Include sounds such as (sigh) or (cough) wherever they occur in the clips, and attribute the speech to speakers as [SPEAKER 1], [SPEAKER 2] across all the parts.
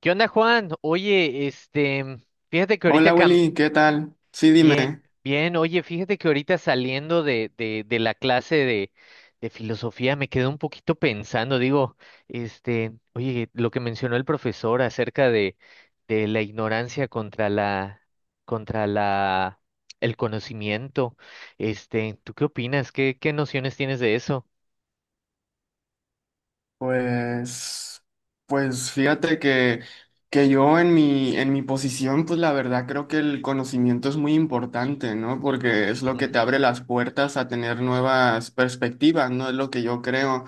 [SPEAKER 1] ¿Qué onda, Juan? Oye, fíjate que ahorita
[SPEAKER 2] Hola Willy, ¿qué tal? Sí, dime.
[SPEAKER 1] bien, bien, oye, fíjate que ahorita saliendo de la clase de filosofía me quedé un poquito pensando, digo, este, oye, lo que mencionó el profesor acerca de la ignorancia contra el conocimiento, este, ¿tú qué opinas? ¿Qué nociones tienes de eso?
[SPEAKER 2] Pues, pues fíjate que yo en mi posición, pues la verdad creo que el conocimiento es muy importante, ¿no? Porque es lo que
[SPEAKER 1] Ujú.
[SPEAKER 2] te abre las puertas a tener nuevas perspectivas, ¿no? Es lo que yo creo.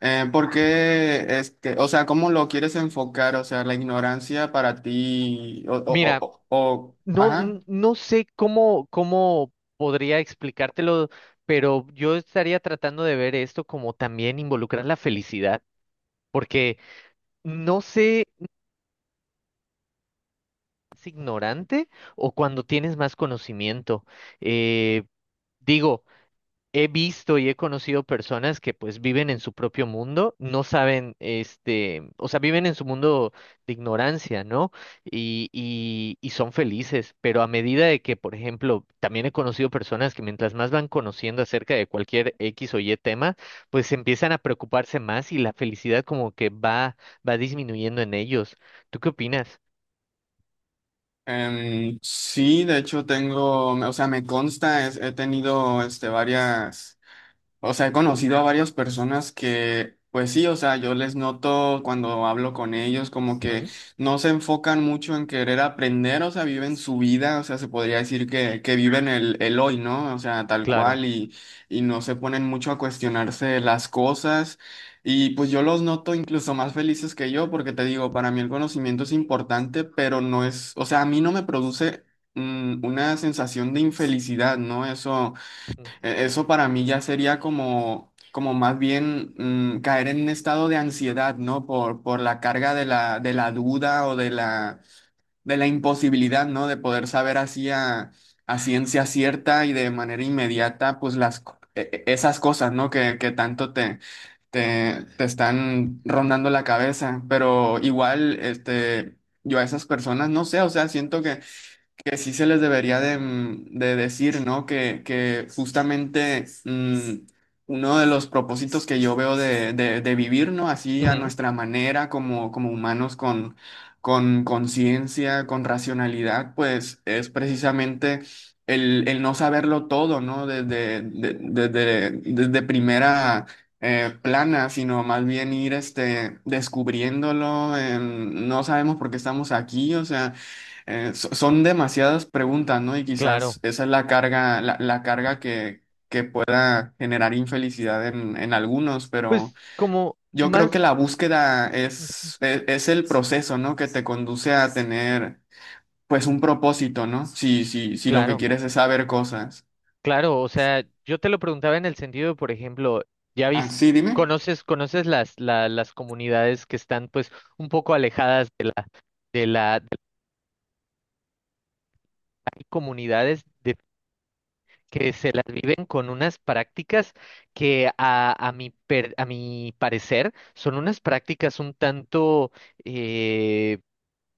[SPEAKER 2] ¿Por qué, o sea, ¿cómo lo quieres enfocar? O sea, la ignorancia para ti,
[SPEAKER 1] Mira.
[SPEAKER 2] ajá.
[SPEAKER 1] No sé cómo, cómo podría explicártelo, pero yo estaría tratando de ver esto como también involucrar la felicidad, porque no sé si es ignorante o cuando tienes más conocimiento. Eh, digo, he visto y he conocido personas que pues viven en su propio mundo, no saben, este, o sea, viven en su mundo de ignorancia, ¿no? Y son felices, pero a medida de que, por ejemplo, también he conocido personas que mientras más van conociendo acerca de cualquier X o Y tema, pues empiezan a preocuparse más y la felicidad como que va, va disminuyendo en ellos. ¿Tú qué opinas?
[SPEAKER 2] Sí, de hecho tengo, o sea, me consta, he tenido este, varias... O sea, he conocido a varias personas que, pues sí, o sea, yo les noto cuando hablo con ellos como
[SPEAKER 1] ¿Mm?
[SPEAKER 2] que no se enfocan mucho en querer aprender, o sea, viven su vida, o sea, se podría decir que viven el hoy, ¿no? O sea, tal
[SPEAKER 1] Claro.
[SPEAKER 2] cual y no se ponen mucho a cuestionarse las cosas. Y pues yo los noto incluso más felices que yo porque te digo, para mí el conocimiento es importante, pero no es, o sea, a mí no me produce una sensación de infelicidad, ¿no? Eso...
[SPEAKER 1] Mm.
[SPEAKER 2] Eso para mí ya sería como, como más bien caer en un estado de ansiedad, ¿no? Por la carga de la duda o de la imposibilidad, ¿no? De poder saber así a ciencia cierta y de manera inmediata, pues las, esas cosas, ¿no? Que tanto te, te, te están rondando la cabeza. Pero igual, este, yo a esas personas, no sé, o sea, siento que sí se les debería de, de decir, ¿no? Que justamente uno de los propósitos que yo veo de, de vivir, ¿no? Así a
[SPEAKER 1] Ujú.
[SPEAKER 2] nuestra manera, como, como humanos, con conciencia, con racionalidad, pues es precisamente el no saberlo todo, ¿no? Desde, desde, desde primera... plana, sino más bien ir este, descubriéndolo, no sabemos por qué estamos aquí, o sea, son demasiadas preguntas, ¿no? Y
[SPEAKER 1] Claro.
[SPEAKER 2] quizás esa es la carga, la carga que pueda generar infelicidad en algunos, pero
[SPEAKER 1] Pues como
[SPEAKER 2] yo creo que
[SPEAKER 1] más...
[SPEAKER 2] la búsqueda
[SPEAKER 1] ujú.
[SPEAKER 2] es el proceso, ¿no? Que te conduce a tener, pues, un propósito, ¿no? Si lo que
[SPEAKER 1] Claro.
[SPEAKER 2] quieres es saber cosas.
[SPEAKER 1] Claro, o sea, yo te lo preguntaba en el sentido, por ejemplo, ya
[SPEAKER 2] Ah,
[SPEAKER 1] viste,
[SPEAKER 2] sí, dime.
[SPEAKER 1] conoces, conoces las comunidades que están pues un poco alejadas de la, de las comunidades de, que se las viven con unas prácticas que a mi parecer son unas prácticas un tanto eh,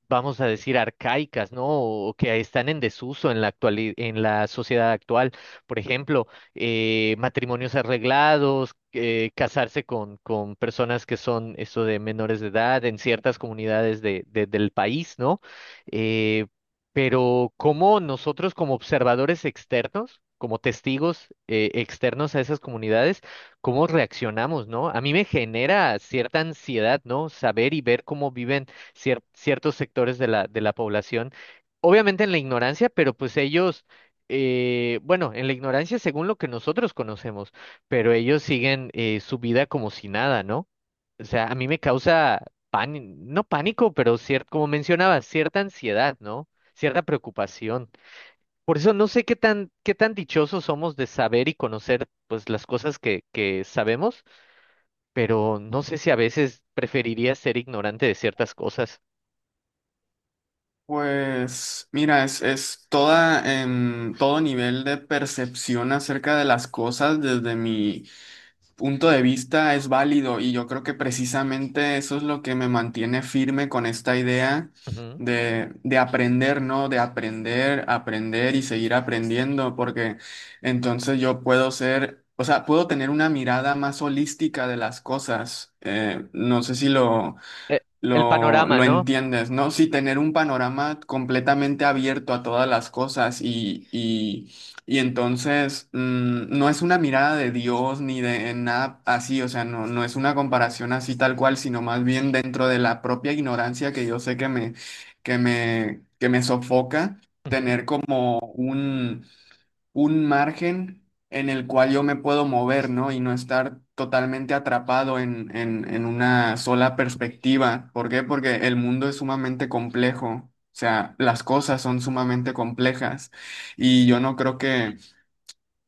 [SPEAKER 1] vamos a decir, arcaicas, ¿no? O que están en desuso en la actuali- en la sociedad actual. Por ejemplo, matrimonios arreglados, casarse con personas que son eso de menores de edad en ciertas comunidades del país, ¿no? Eh, pero cómo nosotros como observadores externos, como testigos externos a esas comunidades, ¿cómo reaccionamos? ¿No? A mí me genera cierta ansiedad, ¿no? Saber y ver cómo viven ciertos sectores de la población, obviamente en la ignorancia, pero pues ellos, bueno, en la ignorancia según lo que nosotros conocemos, pero ellos siguen su vida como si nada, ¿no? O sea, a mí me causa pánico, no pánico, pero como mencionaba, cierta ansiedad, ¿no? Cierta preocupación. Por eso no sé qué tan dichosos somos de saber y conocer, pues, las cosas que sabemos, pero no sé si a veces preferiría ser ignorante de ciertas cosas.
[SPEAKER 2] Pues, mira, es toda, todo nivel de percepción acerca de las cosas desde mi punto de vista es válido y yo creo que precisamente eso es lo que me mantiene firme con esta idea de aprender, ¿no? De aprender, aprender y seguir aprendiendo, porque entonces yo puedo ser, o sea, puedo tener una mirada más holística de las cosas. No sé si lo,
[SPEAKER 1] e- el
[SPEAKER 2] lo,
[SPEAKER 1] panorama,
[SPEAKER 2] lo
[SPEAKER 1] ¿no?
[SPEAKER 2] entiendes, ¿no? Sí, tener un panorama completamente abierto a todas las cosas y entonces no es una mirada de Dios ni de nada así, o sea, no, no es una comparación así tal cual, sino más bien dentro de la propia ignorancia que yo sé que me, que me sofoca,
[SPEAKER 1] Ujú,
[SPEAKER 2] tener como un un margen en el cual yo me puedo mover, ¿no? Y no estar totalmente atrapado en una sola perspectiva. ¿Por qué? Porque el mundo es sumamente complejo. O sea, las cosas son sumamente complejas y yo no creo que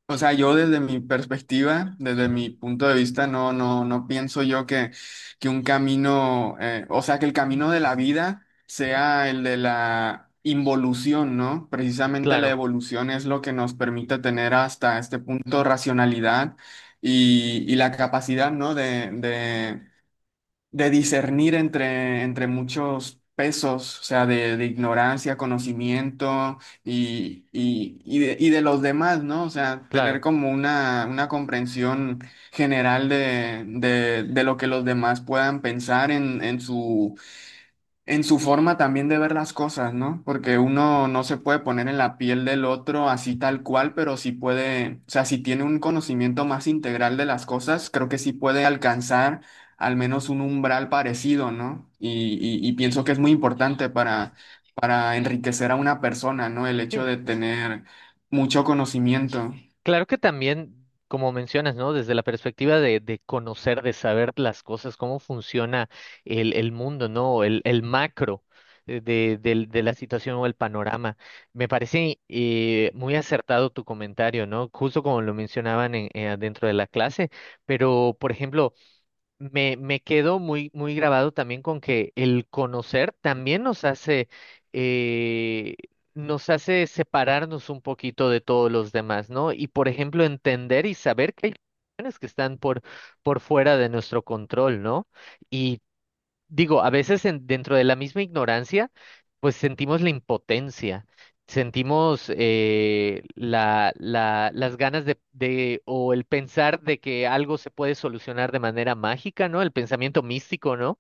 [SPEAKER 2] o sea, yo desde mi perspectiva, desde
[SPEAKER 1] ujú,
[SPEAKER 2] mi punto de vista, no, no, no pienso yo que un camino, o sea, que el camino de la vida
[SPEAKER 1] ujú.
[SPEAKER 2] sea el de la involución, ¿no? Precisamente la
[SPEAKER 1] Claro,
[SPEAKER 2] evolución es lo que nos permite tener hasta este punto racionalidad y la capacidad, ¿no? De discernir entre, entre muchos pesos, o sea, de ignorancia, conocimiento y de los demás, ¿no? O sea, tener
[SPEAKER 1] claro.
[SPEAKER 2] como una comprensión general de lo que los demás puedan pensar en su forma también de ver las cosas, ¿no? Porque uno no se puede poner en la piel del otro así
[SPEAKER 1] Ujú.
[SPEAKER 2] tal cual, pero sí puede, o sea, si tiene un conocimiento más integral de las cosas, creo que sí puede alcanzar al menos un umbral parecido, ¿no? Y, y pienso que es muy importante para enriquecer a una persona, ¿no? El hecho
[SPEAKER 1] Sí,
[SPEAKER 2] de tener mucho conocimiento.
[SPEAKER 1] claro que también, como mencionas, ¿no? Desde la perspectiva de conocer, de saber las cosas, cómo funciona el mundo, ¿no? El macro de la situación o el panorama. Me parece muy acertado tu comentario, ¿no? Justo como lo mencionaban en, dentro de la clase, pero, por ejemplo, me quedo muy, muy grabado también con que el conocer también eh, nos hace separarnos un poquito de todos los demás, ¿no? Y por ejemplo, entender y saber que hay cuestiones que están por fuera de nuestro control, ¿no? Y digo, a veces dentro de la misma ignorancia, pues sentimos la impotencia, sentimos las ganas o el pensar de que algo se puede solucionar de manera mágica, ¿no? El pensamiento místico, ¿no?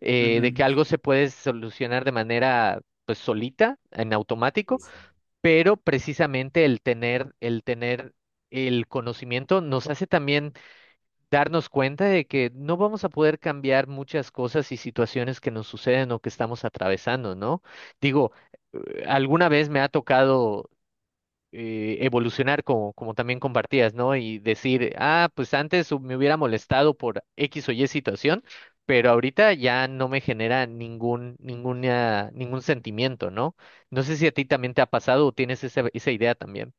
[SPEAKER 1] De que algo se puede solucionar de manera, pues, solita, en automático,
[SPEAKER 2] Ujú.
[SPEAKER 1] pero precisamente el tener el conocimiento nos hace también darnos cuenta de que no vamos a poder cambiar muchas cosas y situaciones que nos suceden o que estamos atravesando, ¿no? Digo, alguna vez me ha tocado evolucionar como, como también compartías, ¿no? Y decir, ah, pues antes me hubiera molestado por X o Y situación, pero ahorita ya no me genera ningún sentimiento, ¿no? No sé si a ti también te ha pasado o tienes esa, esa idea también.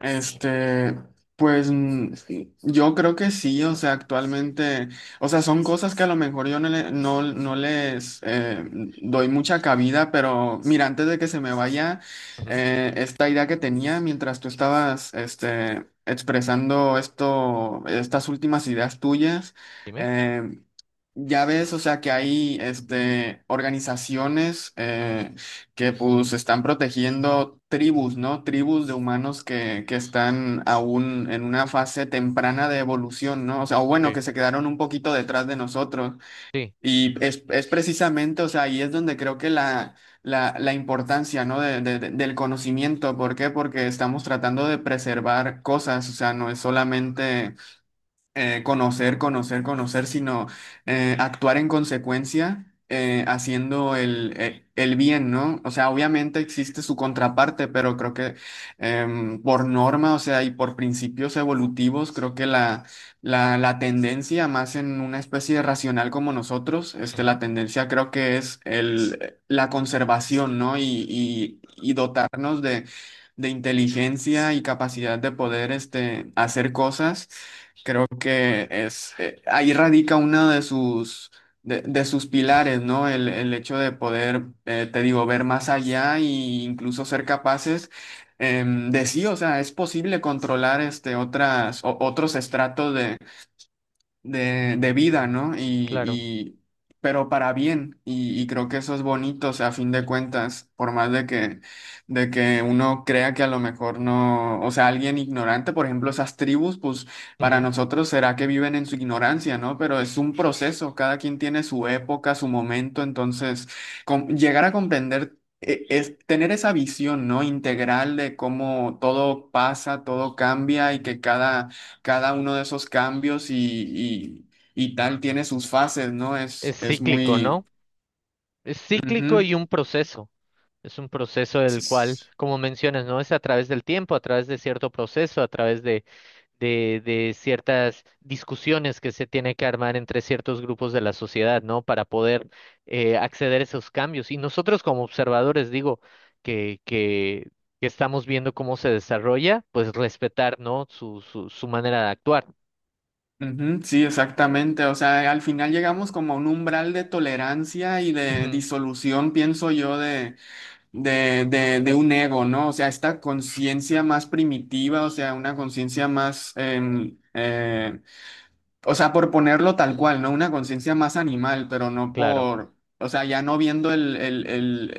[SPEAKER 2] Este, pues sí, yo creo que sí, o sea, actualmente, o sea, son cosas que a lo mejor yo no, no, no les doy mucha cabida, pero mira, antes de que se me vaya,
[SPEAKER 1] Ujú.
[SPEAKER 2] esta idea que tenía mientras tú estabas este, expresando esto, estas últimas ideas tuyas.
[SPEAKER 1] Dime.
[SPEAKER 2] eh, ya ves, o sea, que hay este, organizaciones que pues están protegiendo tribus, ¿no? Tribus de humanos que están aún en una fase temprana de evolución, ¿no? O sea, o bueno, que se quedaron un poquito detrás de nosotros.
[SPEAKER 1] Sí.
[SPEAKER 2] Y es precisamente, o sea, ahí es donde creo que la importancia, ¿no? Del conocimiento. ¿Por qué? Porque estamos tratando de preservar cosas, o sea, no es solamente conocer, conocer, conocer, sino actuar en consecuencia, haciendo el bien, ¿no? O sea, obviamente existe su contraparte, pero creo que por norma, o sea, y por principios evolutivos, creo que la tendencia, más en una especie de racional como nosotros, este, la
[SPEAKER 1] Ujú,
[SPEAKER 2] tendencia creo que es el, la conservación, ¿no? Y dotarnos de inteligencia y capacidad de poder este, hacer cosas. Creo que es ahí radica uno de sus pilares, ¿no? El hecho de poder, te digo, ver más allá e incluso ser capaces de sí, o sea, es posible controlar este otras otros estratos de vida, ¿no?
[SPEAKER 1] claro.
[SPEAKER 2] Y- pero para bien, y creo que eso es bonito, o sea, a fin de cuentas, por más de que uno crea que a lo mejor no, o sea, alguien ignorante, por ejemplo, esas tribus, pues para
[SPEAKER 1] Ujú.
[SPEAKER 2] nosotros será que viven en su ignorancia, ¿no? Pero es un proceso, cada quien tiene su época, su momento, entonces, llegar a comprender... Es tener esa visión, ¿no? Integral de cómo todo pasa, todo cambia y que cada, cada uno de esos cambios y, y tal tiene sus fases, ¿no?
[SPEAKER 1] Es
[SPEAKER 2] Es
[SPEAKER 1] cíclico,
[SPEAKER 2] muy...
[SPEAKER 1] ¿no? Es cíclico
[SPEAKER 2] ujú,
[SPEAKER 1] y un proceso. Es un proceso del cual,
[SPEAKER 2] s-
[SPEAKER 1] como mencionas, ¿no? Es a través del tiempo, a través de cierto proceso, a través de ciertas discusiones que se tiene que armar entre ciertos grupos de la sociedad, ¿no? Para poder acceder a esos cambios. Y nosotros como observadores, digo, que, que, que estamos viendo cómo se desarrolla, pues respetar, ¿no? Su manera de actuar.
[SPEAKER 2] ujú, sí, exactamente. O sea, al final llegamos como a un umbral de tolerancia y de
[SPEAKER 1] Ujú.
[SPEAKER 2] disolución, pienso yo, de un ego, ¿no? O sea, esta conciencia más primitiva, o sea, una conciencia más... O sea, por ponerlo tal cual, ¿no? Una conciencia más animal, pero no
[SPEAKER 1] Claro.
[SPEAKER 2] por, o sea, ya no viendo el, el, el,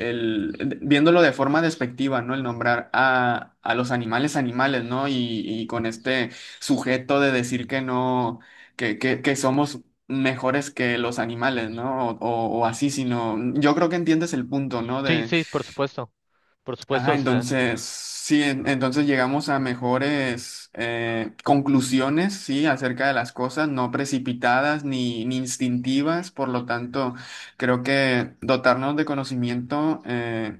[SPEAKER 2] el- viéndolo de forma despectiva, ¿no? El nombrar a los animales animales, ¿no? Y con este sujeto de decir que no, que somos mejores que los animales, ¿no? O así, sino, yo creo que entiendes el punto, ¿no?
[SPEAKER 1] Sí, sí, por supuesto. Por
[SPEAKER 2] Ah,
[SPEAKER 1] supuesto, o sea,
[SPEAKER 2] entonces, sí, entonces llegamos a mejores conclusiones, sí, acerca de las cosas, no precipitadas ni, ni instintivas, por lo tanto, creo que dotarnos de conocimiento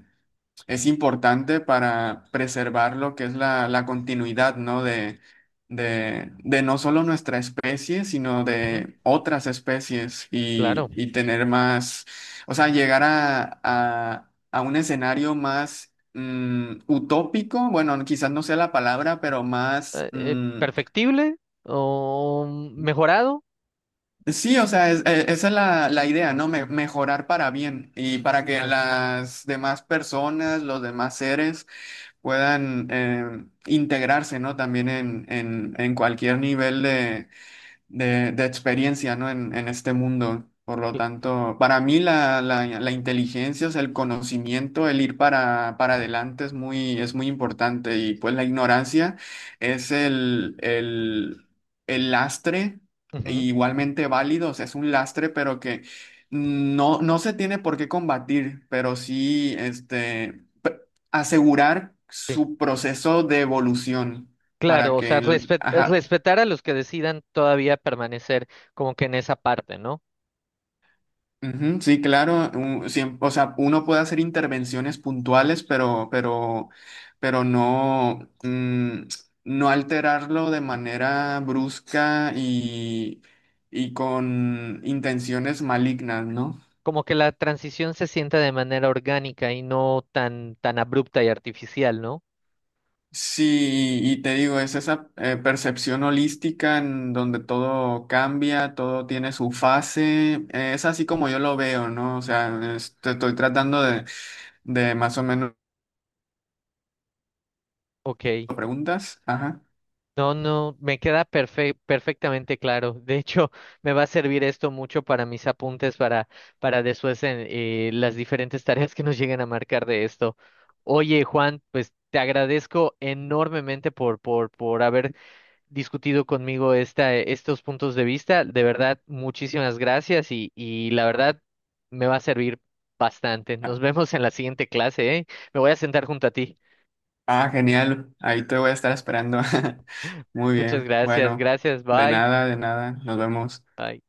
[SPEAKER 2] es importante para preservar lo que es la, la continuidad, ¿no? De no solo nuestra especie, sino
[SPEAKER 1] ujú,
[SPEAKER 2] de otras especies
[SPEAKER 1] claro.
[SPEAKER 2] y tener más, o sea, llegar a un escenario más utópico, bueno, quizás no sea la palabra, pero más...
[SPEAKER 1] Perfectible o mejorado,
[SPEAKER 2] Sí, o sea, esa es la, la idea, ¿no? Mejorar para bien y para que
[SPEAKER 1] claro.
[SPEAKER 2] las demás personas, los demás seres puedan integrarse, ¿no? También en cualquier nivel de experiencia, ¿no? En este mundo. Por lo tanto, para mí la, la, la inteligencia, o sea, el conocimiento, el ir para adelante es muy importante. Y pues la ignorancia es el lastre,
[SPEAKER 1] Ujú,
[SPEAKER 2] igualmente válido, o sea, es un lastre, pero que no, no se tiene por qué combatir, pero sí este, asegurar
[SPEAKER 1] sí.
[SPEAKER 2] su proceso de evolución para
[SPEAKER 1] Claro, o
[SPEAKER 2] que,
[SPEAKER 1] sea,
[SPEAKER 2] ajá,
[SPEAKER 1] respetar a los que decidan todavía permanecer como que en esa parte, ¿no?
[SPEAKER 2] Ujú, sí, claro, o sea, uno puede hacer intervenciones puntuales, pero no, no alterarlo de manera brusca y con intenciones malignas, ¿no?
[SPEAKER 1] Como que la transición se sienta de manera orgánica y no tan, tan abrupta y artificial, ¿no?
[SPEAKER 2] Sí, y te digo, es esa percepción holística en donde todo cambia, todo tiene su fase, es así como yo lo veo, ¿no? O sea, te estoy tratando de más o menos
[SPEAKER 1] Ok.
[SPEAKER 2] preguntas, ajá.
[SPEAKER 1] No, no, me queda perfectamente claro. De hecho, (laughs) me va a servir esto mucho para mis apuntes para después en las diferentes tareas que nos lleguen a marcar de esto. Oye, Juan, pues te agradezco enormemente por haber discutido conmigo esta, estos puntos de vista. De verdad, muchísimas gracias y la verdad me va a servir bastante. Nos vemos en la siguiente clase, ¿eh? Me voy a sentar junto a ti.
[SPEAKER 2] Ah, genial. Ahí te voy a estar esperando. (laughs) Muy
[SPEAKER 1] Muchas
[SPEAKER 2] bien.
[SPEAKER 1] gracias,
[SPEAKER 2] Bueno,
[SPEAKER 1] gracias,
[SPEAKER 2] de
[SPEAKER 1] bye.
[SPEAKER 2] nada, de nada. Nos vemos.
[SPEAKER 1] Bye.